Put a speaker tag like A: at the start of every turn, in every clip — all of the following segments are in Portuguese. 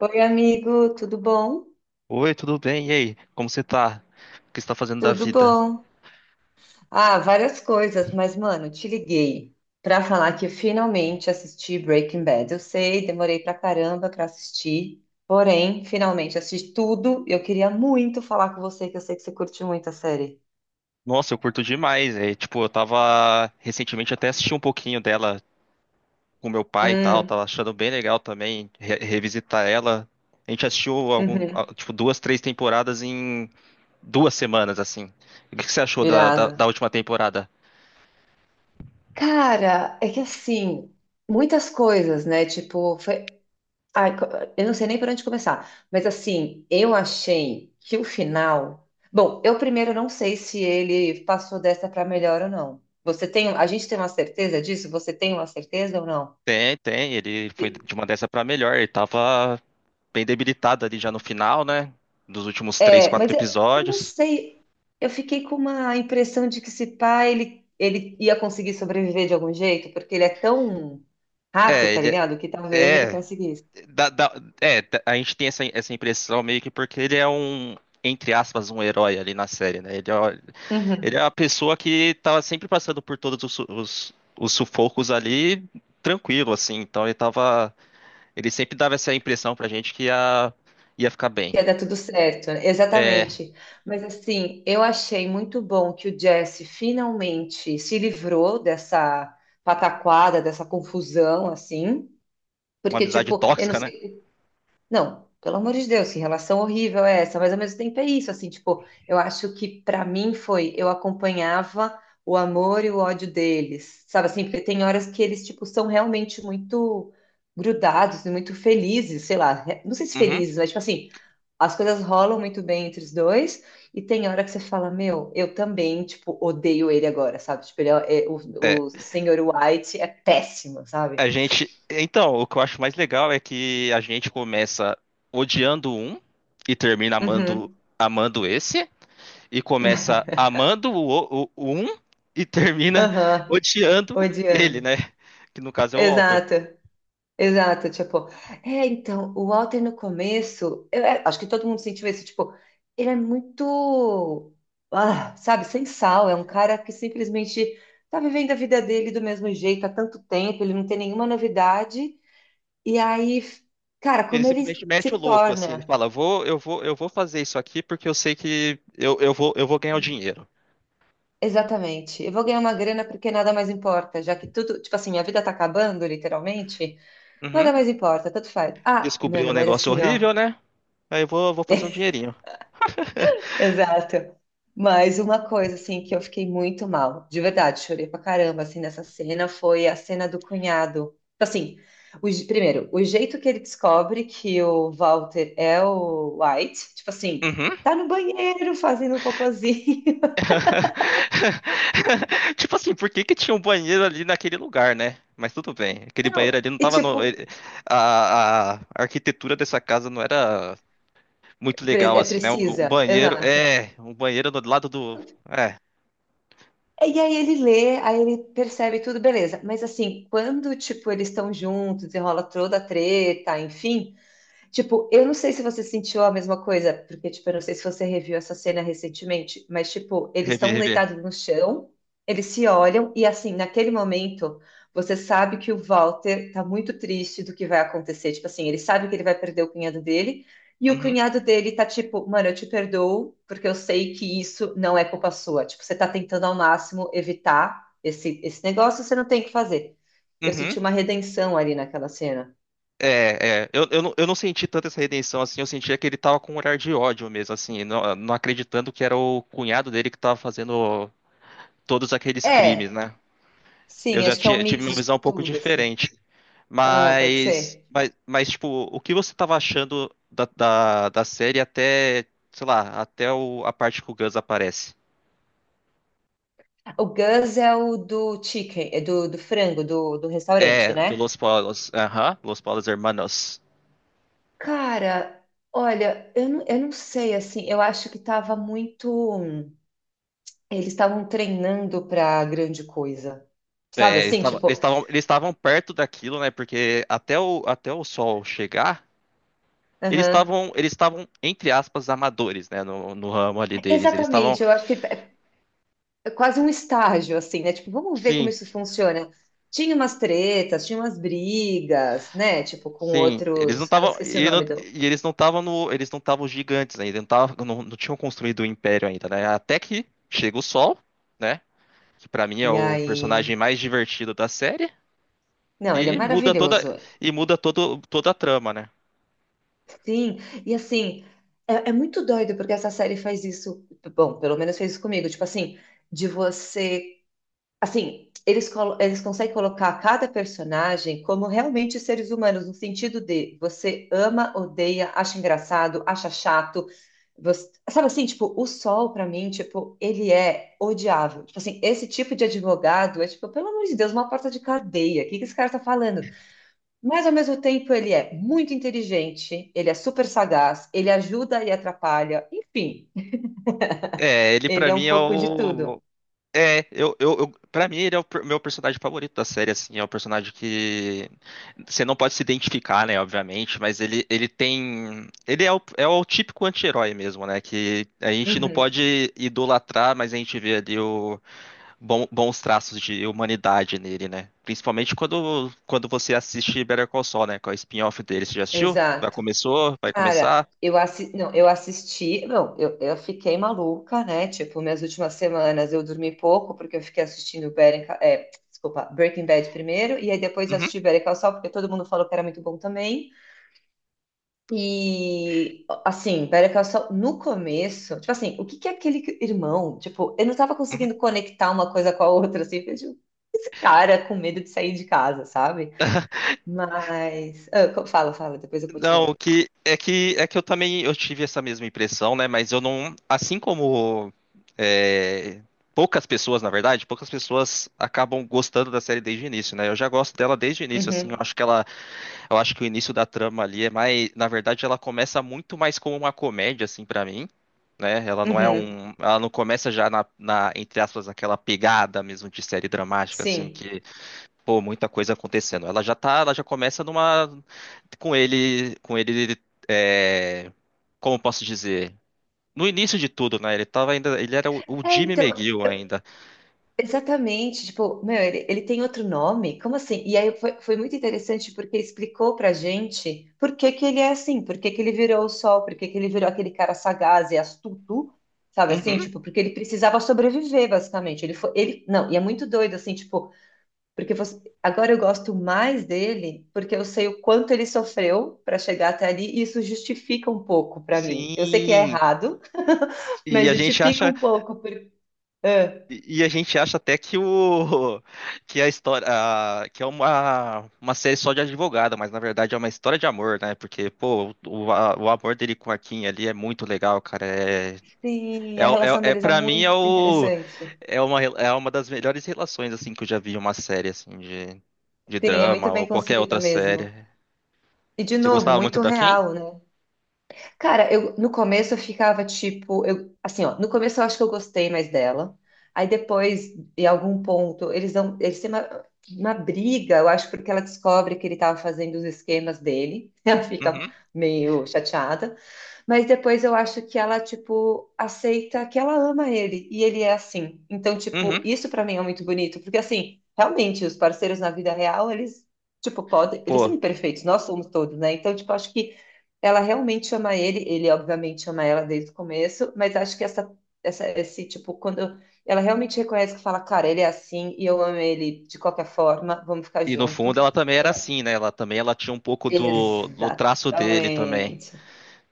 A: Oi, amigo, tudo bom?
B: Oi, tudo bem? E aí? Como você tá? O que você tá fazendo da
A: Tudo
B: vida?
A: bom. Ah, várias coisas, mas, mano, te liguei pra falar que eu finalmente assisti Breaking Bad. Eu sei, demorei pra caramba pra assistir, porém, finalmente assisti tudo. Eu queria muito falar com você, que eu sei que você curte muito a série.
B: Nossa, eu curto demais. É, tipo, eu tava recentemente até assisti um pouquinho dela com meu pai e tal, tava
A: Hum,
B: achando bem legal também revisitar ela. A gente assistiu algum,
A: uhum,
B: tipo, duas, três temporadas em duas semanas, assim. O que que você achou da, da,
A: irado.
B: da última temporada?
A: Cara, é que assim, muitas coisas, né? Tipo, foi, Ai, co- eu não sei nem por onde começar, mas assim, eu achei que o final. Bom, eu primeiro não sei se ele passou dessa para melhor ou não. Você tem, um, a gente tem uma certeza disso? Você tem uma certeza ou não?
B: Tem, tem, ele foi de uma dessa pra melhor. Ele tava bem debilitado ali já no final, né? Dos últimos três,
A: É,
B: quatro
A: eu não
B: episódios.
A: sei. Eu fiquei com uma impressão de que esse pai ele ia conseguir sobreviver de algum jeito, porque ele é tão rato,
B: É,
A: tá
B: ele
A: ligado? Que talvez ele
B: é.
A: conseguisse.
B: da- da- é, a gente tem essa impressão meio que porque ele é um, entre aspas, um herói ali na série, né? Ele é, ele é a pessoa que tava sempre passando por todos os, os sufocos ali tranquilo, assim. Então ele tava, ele sempre dava essa impressão pra gente que ia, ia ficar bem.
A: Ia dar tudo certo, né?
B: É,
A: Exatamente. Mas assim, eu achei muito bom que o Jesse finalmente se livrou dessa pataquada, dessa confusão, assim.
B: uma
A: Porque,
B: amizade
A: tipo, eu não
B: tóxica, né?
A: sei não, pelo amor de Deus, que relação horrível é essa? Mas ao mesmo tempo é isso, assim, tipo, eu acho que pra mim foi, eu acompanhava o amor e o ódio deles, sabe assim? Porque tem horas que eles, tipo, são realmente muito grudados e muito felizes, sei lá, não sei se
B: Uhum.
A: felizes, mas tipo assim, as coisas rolam muito bem entre os dois, e tem hora que você fala, meu, eu também, tipo, odeio ele agora, sabe? Tipo, ele é, é-
B: É,
A: o senhor White é péssimo, sabe?
B: a gente, então, o que eu acho mais legal é que a gente começa odiando um e termina amando,
A: Uhum.
B: amando esse. E começa amando o um e termina
A: Aham,
B: odiando ele,
A: odiando.
B: né? Que no caso é o Walter.
A: Exato, exato, tipo, é, então, o Walter no começo, acho que todo mundo sentiu isso, tipo, ele é muito, ah, sabe, sem sal, é um cara que simplesmente tá vivendo a vida dele do mesmo jeito há tanto tempo, ele não tem nenhuma novidade, e aí, cara,
B: Ele
A: como ele
B: simplesmente
A: se
B: mete o louco, assim, ele
A: torna,
B: fala, vou, eu vou fazer isso aqui porque eu sei que eu, eu vou ganhar o dinheiro.
A: exatamente, eu vou ganhar uma grana porque nada mais importa, já que tudo, tipo assim, minha vida tá acabando, literalmente, nada
B: Uhum.
A: mais importa, tanto faz. Ah,
B: Descobriu um
A: mano, mas
B: negócio
A: assim, ó.
B: horrível, né? Aí eu vou, vou fazer um dinheirinho.
A: Exato. Mas uma coisa, assim, que eu fiquei muito mal, de verdade, chorei pra caramba, assim, nessa cena, foi a cena do cunhado. Assim, primeiro, o jeito que ele descobre que o Walter é o White, tipo assim,
B: Uhum.
A: tá no banheiro fazendo cocôzinho.
B: Tipo assim, por que que tinha um banheiro ali naquele lugar, né? Mas tudo bem. Aquele banheiro
A: Não,
B: ali não
A: e
B: tava no.
A: tipo,
B: A arquitetura dessa casa não era muito legal,
A: é
B: assim, né? Um um
A: precisa,
B: banheiro.
A: exato.
B: É, um banheiro do lado do. É,
A: E aí ele lê, aí ele percebe tudo, beleza. Mas assim, quando, tipo, eles estão juntos, enrola toda a treta, enfim. Tipo, eu não sei se você sentiu a mesma coisa, porque, tipo, eu não sei se você reviu essa cena recentemente, mas, tipo, eles
B: rever,
A: estão
B: rever.
A: deitados no chão, eles se olham, e, assim, naquele momento, você sabe que o Walter tá muito triste do que vai acontecer. Tipo, assim, ele sabe que ele vai perder o cunhado dele, e o
B: Uhum,
A: cunhado dele tá tipo, mano, eu te perdoo, porque eu sei que isso não é culpa sua. Tipo, você tá tentando ao máximo evitar esse negócio, você não tem o que fazer. Eu
B: uhum.
A: senti uma redenção ali naquela cena.
B: É, é. Não, eu não senti tanto essa redenção assim, eu sentia que ele tava com um olhar de ódio mesmo, assim, não, não acreditando que era o cunhado dele que tava fazendo todos aqueles crimes,
A: É.
B: né? Eu
A: Sim,
B: já
A: acho que é um
B: tinha, tive
A: mix
B: uma
A: de
B: visão um pouco
A: tudo, assim.
B: diferente.
A: Ah, pode
B: Mas,
A: ser.
B: mas, mas tipo, o que você tava achando da série até, sei lá, até a parte que o Gus aparece?
A: O Gus é o do chicken, é do frango, do restaurante,
B: É, do
A: né?
B: Los Polos. Aham, Los Polos Hermanos.
A: Cara, olha, eu não sei, assim, eu acho que tava muito. Eles estavam treinando pra grande coisa. Sabe
B: É,
A: assim, tipo,
B: eles estavam perto daquilo, né? Porque até o, até o sol chegar,
A: aham.
B: eles estavam, entre aspas, amadores, né? No, no ramo ali deles. Eles estavam.
A: Exatamente, eu acho que é quase um estágio, assim, né? Tipo, vamos ver como
B: Sim,
A: isso funciona. Tinha umas tretas, tinha umas brigas, né? Tipo, com
B: sim. Eles não
A: outros. Ah,
B: estavam.
A: esqueci o
B: E,
A: nome do.
B: e eles não estavam no. Eles não estavam gigantes ainda. Não, não, não tinham construído o império ainda, né? Até que chega o sol, né? Que pra mim é
A: E
B: o personagem
A: aí.
B: mais divertido da série.
A: Não, ele é
B: E muda toda.
A: maravilhoso.
B: E muda todo, toda a trama, né?
A: Sim, e assim, é, é muito doido porque essa série faz isso. Bom, pelo menos fez isso comigo. Tipo assim, de você. Assim, eles, eles conseguem colocar cada personagem como realmente seres humanos, no sentido de você ama, odeia, acha engraçado, acha chato. Você, sabe assim, tipo, o Sol, pra mim, tipo, ele é odiável. Tipo assim, esse tipo de advogado é, tipo, pelo amor de Deus, uma porta de cadeia. O que que esse cara tá falando? Mas ao mesmo tempo ele é muito inteligente, ele é super sagaz, ele ajuda e atrapalha, enfim,
B: É, ele
A: ele
B: pra
A: é
B: mim
A: um
B: é
A: pouco de
B: o.
A: tudo.
B: Pra mim ele é meu personagem favorito da série, assim, é o personagem que você não pode se identificar, né, obviamente, mas ele tem, ele é o, é o típico anti-herói mesmo, né, que a gente não
A: Uhum,
B: pode idolatrar, mas a gente vê ali o bons traços de humanidade nele, né, principalmente quando, quando você assiste Better Call Saul, né, com a spin-off dele, você já assistiu? Já
A: exato.
B: começou? Vai
A: Cara,
B: começar?
A: eu assi... não, eu assisti, não, eu fiquei maluca, né? Tipo, minhas últimas semanas eu dormi pouco porque eu fiquei assistindo desculpa, Breaking Bad primeiro e aí depois eu
B: Uhum.
A: assisti Better Call Saul porque todo mundo falou que era muito bom também. E, assim, pera que eu só. No começo, tipo assim, o que que é aquele que- irmão? Tipo, eu não tava conseguindo conectar uma coisa com a outra, assim, eu, tipo, esse cara com medo de sair de casa, sabe? Mas. Fala, fala, depois eu
B: Não,
A: continuo.
B: o que é que eu também eu tive essa mesma impressão, né? Mas eu não, assim como é, poucas pessoas, na verdade, poucas pessoas acabam gostando da série desde o início, né? Eu já gosto dela desde o início, assim. Eu
A: Uhum,
B: acho que ela, eu acho que o início da trama ali é mais, na verdade, ela começa muito mais como uma comédia, assim, pra mim. Né? Ela não é
A: uhum,
B: um, ela não começa já na, na, entre aspas, aquela pegada mesmo de série dramática, assim,
A: sim.
B: que pô, muita coisa acontecendo. Ela já tá, ela já começa numa com ele é, como posso dizer? No início de tudo, né? Ele tava ainda, ele era o
A: É,
B: Jimmy
A: então,
B: McGill ainda.
A: exatamente, tipo, meu, ele tem outro nome? Como assim? E aí foi muito interessante porque explicou pra gente por que que ele é assim, por que que ele virou o sol, por que que ele virou aquele cara sagaz e astuto, sabe assim?
B: Uhum,
A: Tipo, porque ele precisava sobreviver, basicamente. Não, e é muito doido, assim, tipo, porque você, agora eu gosto mais dele porque eu sei o quanto ele sofreu pra chegar até ali e isso justifica um pouco pra mim. Eu sei que é
B: sim.
A: errado,
B: E
A: mas
B: a gente
A: justifica
B: acha,
A: um pouco. Por...
B: e a gente acha até que o que a história, que é uma série só de advogada, mas na verdade é uma história de amor, né? Porque pô, o, o amor dele com a Kim ali é muito legal, cara. É
A: Sim,
B: É,
A: a relação
B: é
A: deles é
B: para mim é
A: muito
B: o
A: interessante.
B: é é uma das melhores relações assim que eu já vi em uma série assim de
A: Sim, é muito
B: drama ou
A: bem
B: qualquer
A: construída
B: outra
A: mesmo.
B: série.
A: E, de
B: Você
A: novo,
B: gostava muito
A: muito
B: da Kim?
A: real, né? Cara, eu no começo eu ficava tipo, eu assim, ó, no começo eu acho que eu gostei mais dela. Aí depois, em algum ponto, eles têm uma briga, eu acho, porque ela descobre que ele estava fazendo os esquemas dele. Ela fica
B: Uhum.
A: meio chateada. Mas depois eu acho que ela, tipo, aceita que ela ama ele e ele é assim. Então, tipo,
B: Uhum.
A: isso pra mim é muito bonito, porque assim, realmente os parceiros na vida real, eles tipo, podem, eles
B: Pô,
A: são imperfeitos, nós somos todos, né? Então, tipo, acho que ela realmente ama ele, ele obviamente ama ela desde o começo, mas acho que esse tipo, quando ela realmente reconhece que fala, cara, ele é assim e eu amo ele de qualquer forma, vamos ficar
B: e no fundo
A: junto.
B: ela também era assim, né? Ela também ela tinha um pouco do, do traço dele também.
A: Exatamente.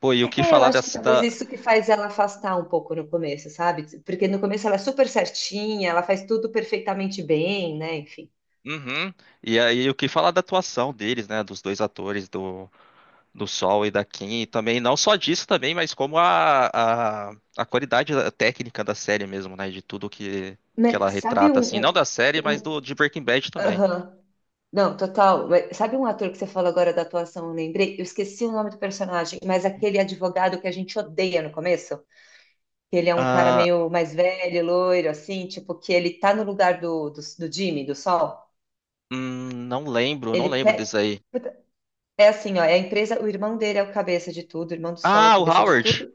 B: Pô, e o que
A: É, eu
B: falar
A: acho que
B: dessa
A: talvez
B: da
A: isso que faz ela afastar um pouco no começo, sabe? Porque no começo ela é super certinha, ela faz tudo perfeitamente bem, né? Enfim.
B: Uhum. E aí o que falar da atuação deles, né, dos dois atores do do Sol e da Kim, e também não só disso também, mas como a qualidade técnica da série mesmo, né? De tudo que ela
A: Mas sabe
B: retrata,
A: um,
B: assim, não da
A: um,
B: série, mas
A: um-
B: do de Breaking Bad também.
A: Aham. Não, total. Mas sabe um ator que você falou agora da atuação? Eu lembrei, eu esqueci o nome do personagem, mas aquele advogado que a gente odeia no começo, que ele é um cara
B: Ah,
A: meio mais velho, loiro, assim, tipo, que ele tá no lugar do Jimmy, do Sol.
B: não lembro, não
A: Ele
B: lembro
A: pe...
B: disso aí.
A: puta, é assim, ó, é a empresa, o irmão dele é o cabeça de tudo, o irmão do Sol é o
B: Ah, o
A: cabeça de
B: Howard!
A: tudo.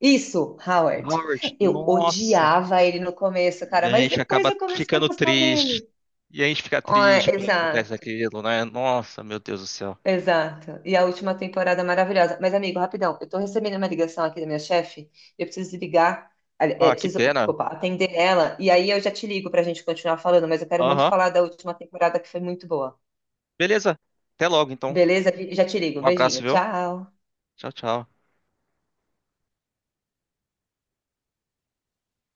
A: Isso,
B: O
A: Howard.
B: Howard,
A: Eu
B: nossa!
A: odiava ele no começo,
B: E
A: cara,
B: a
A: mas
B: gente
A: depois
B: acaba
A: eu comecei a
B: ficando
A: gostar
B: triste.
A: dele.
B: E a gente fica
A: Ó, é,
B: triste quando acontece
A: exato.
B: aquilo, né? Nossa, meu Deus do céu.
A: Exato. E a última temporada maravilhosa. Mas, amigo, rapidão, eu tô recebendo uma ligação aqui da minha chefe. Eu preciso ligar, ali- é,
B: Ah, que
A: preciso,
B: pena.
A: desculpa, atender ela. E aí eu já te ligo pra gente continuar falando, mas eu quero muito
B: Aham.
A: falar da última temporada que foi muito boa.
B: Beleza. Até logo, então.
A: Beleza? Já te ligo.
B: Um abraço,
A: Beijinho.
B: viu?
A: Tchau.
B: Tchau, tchau.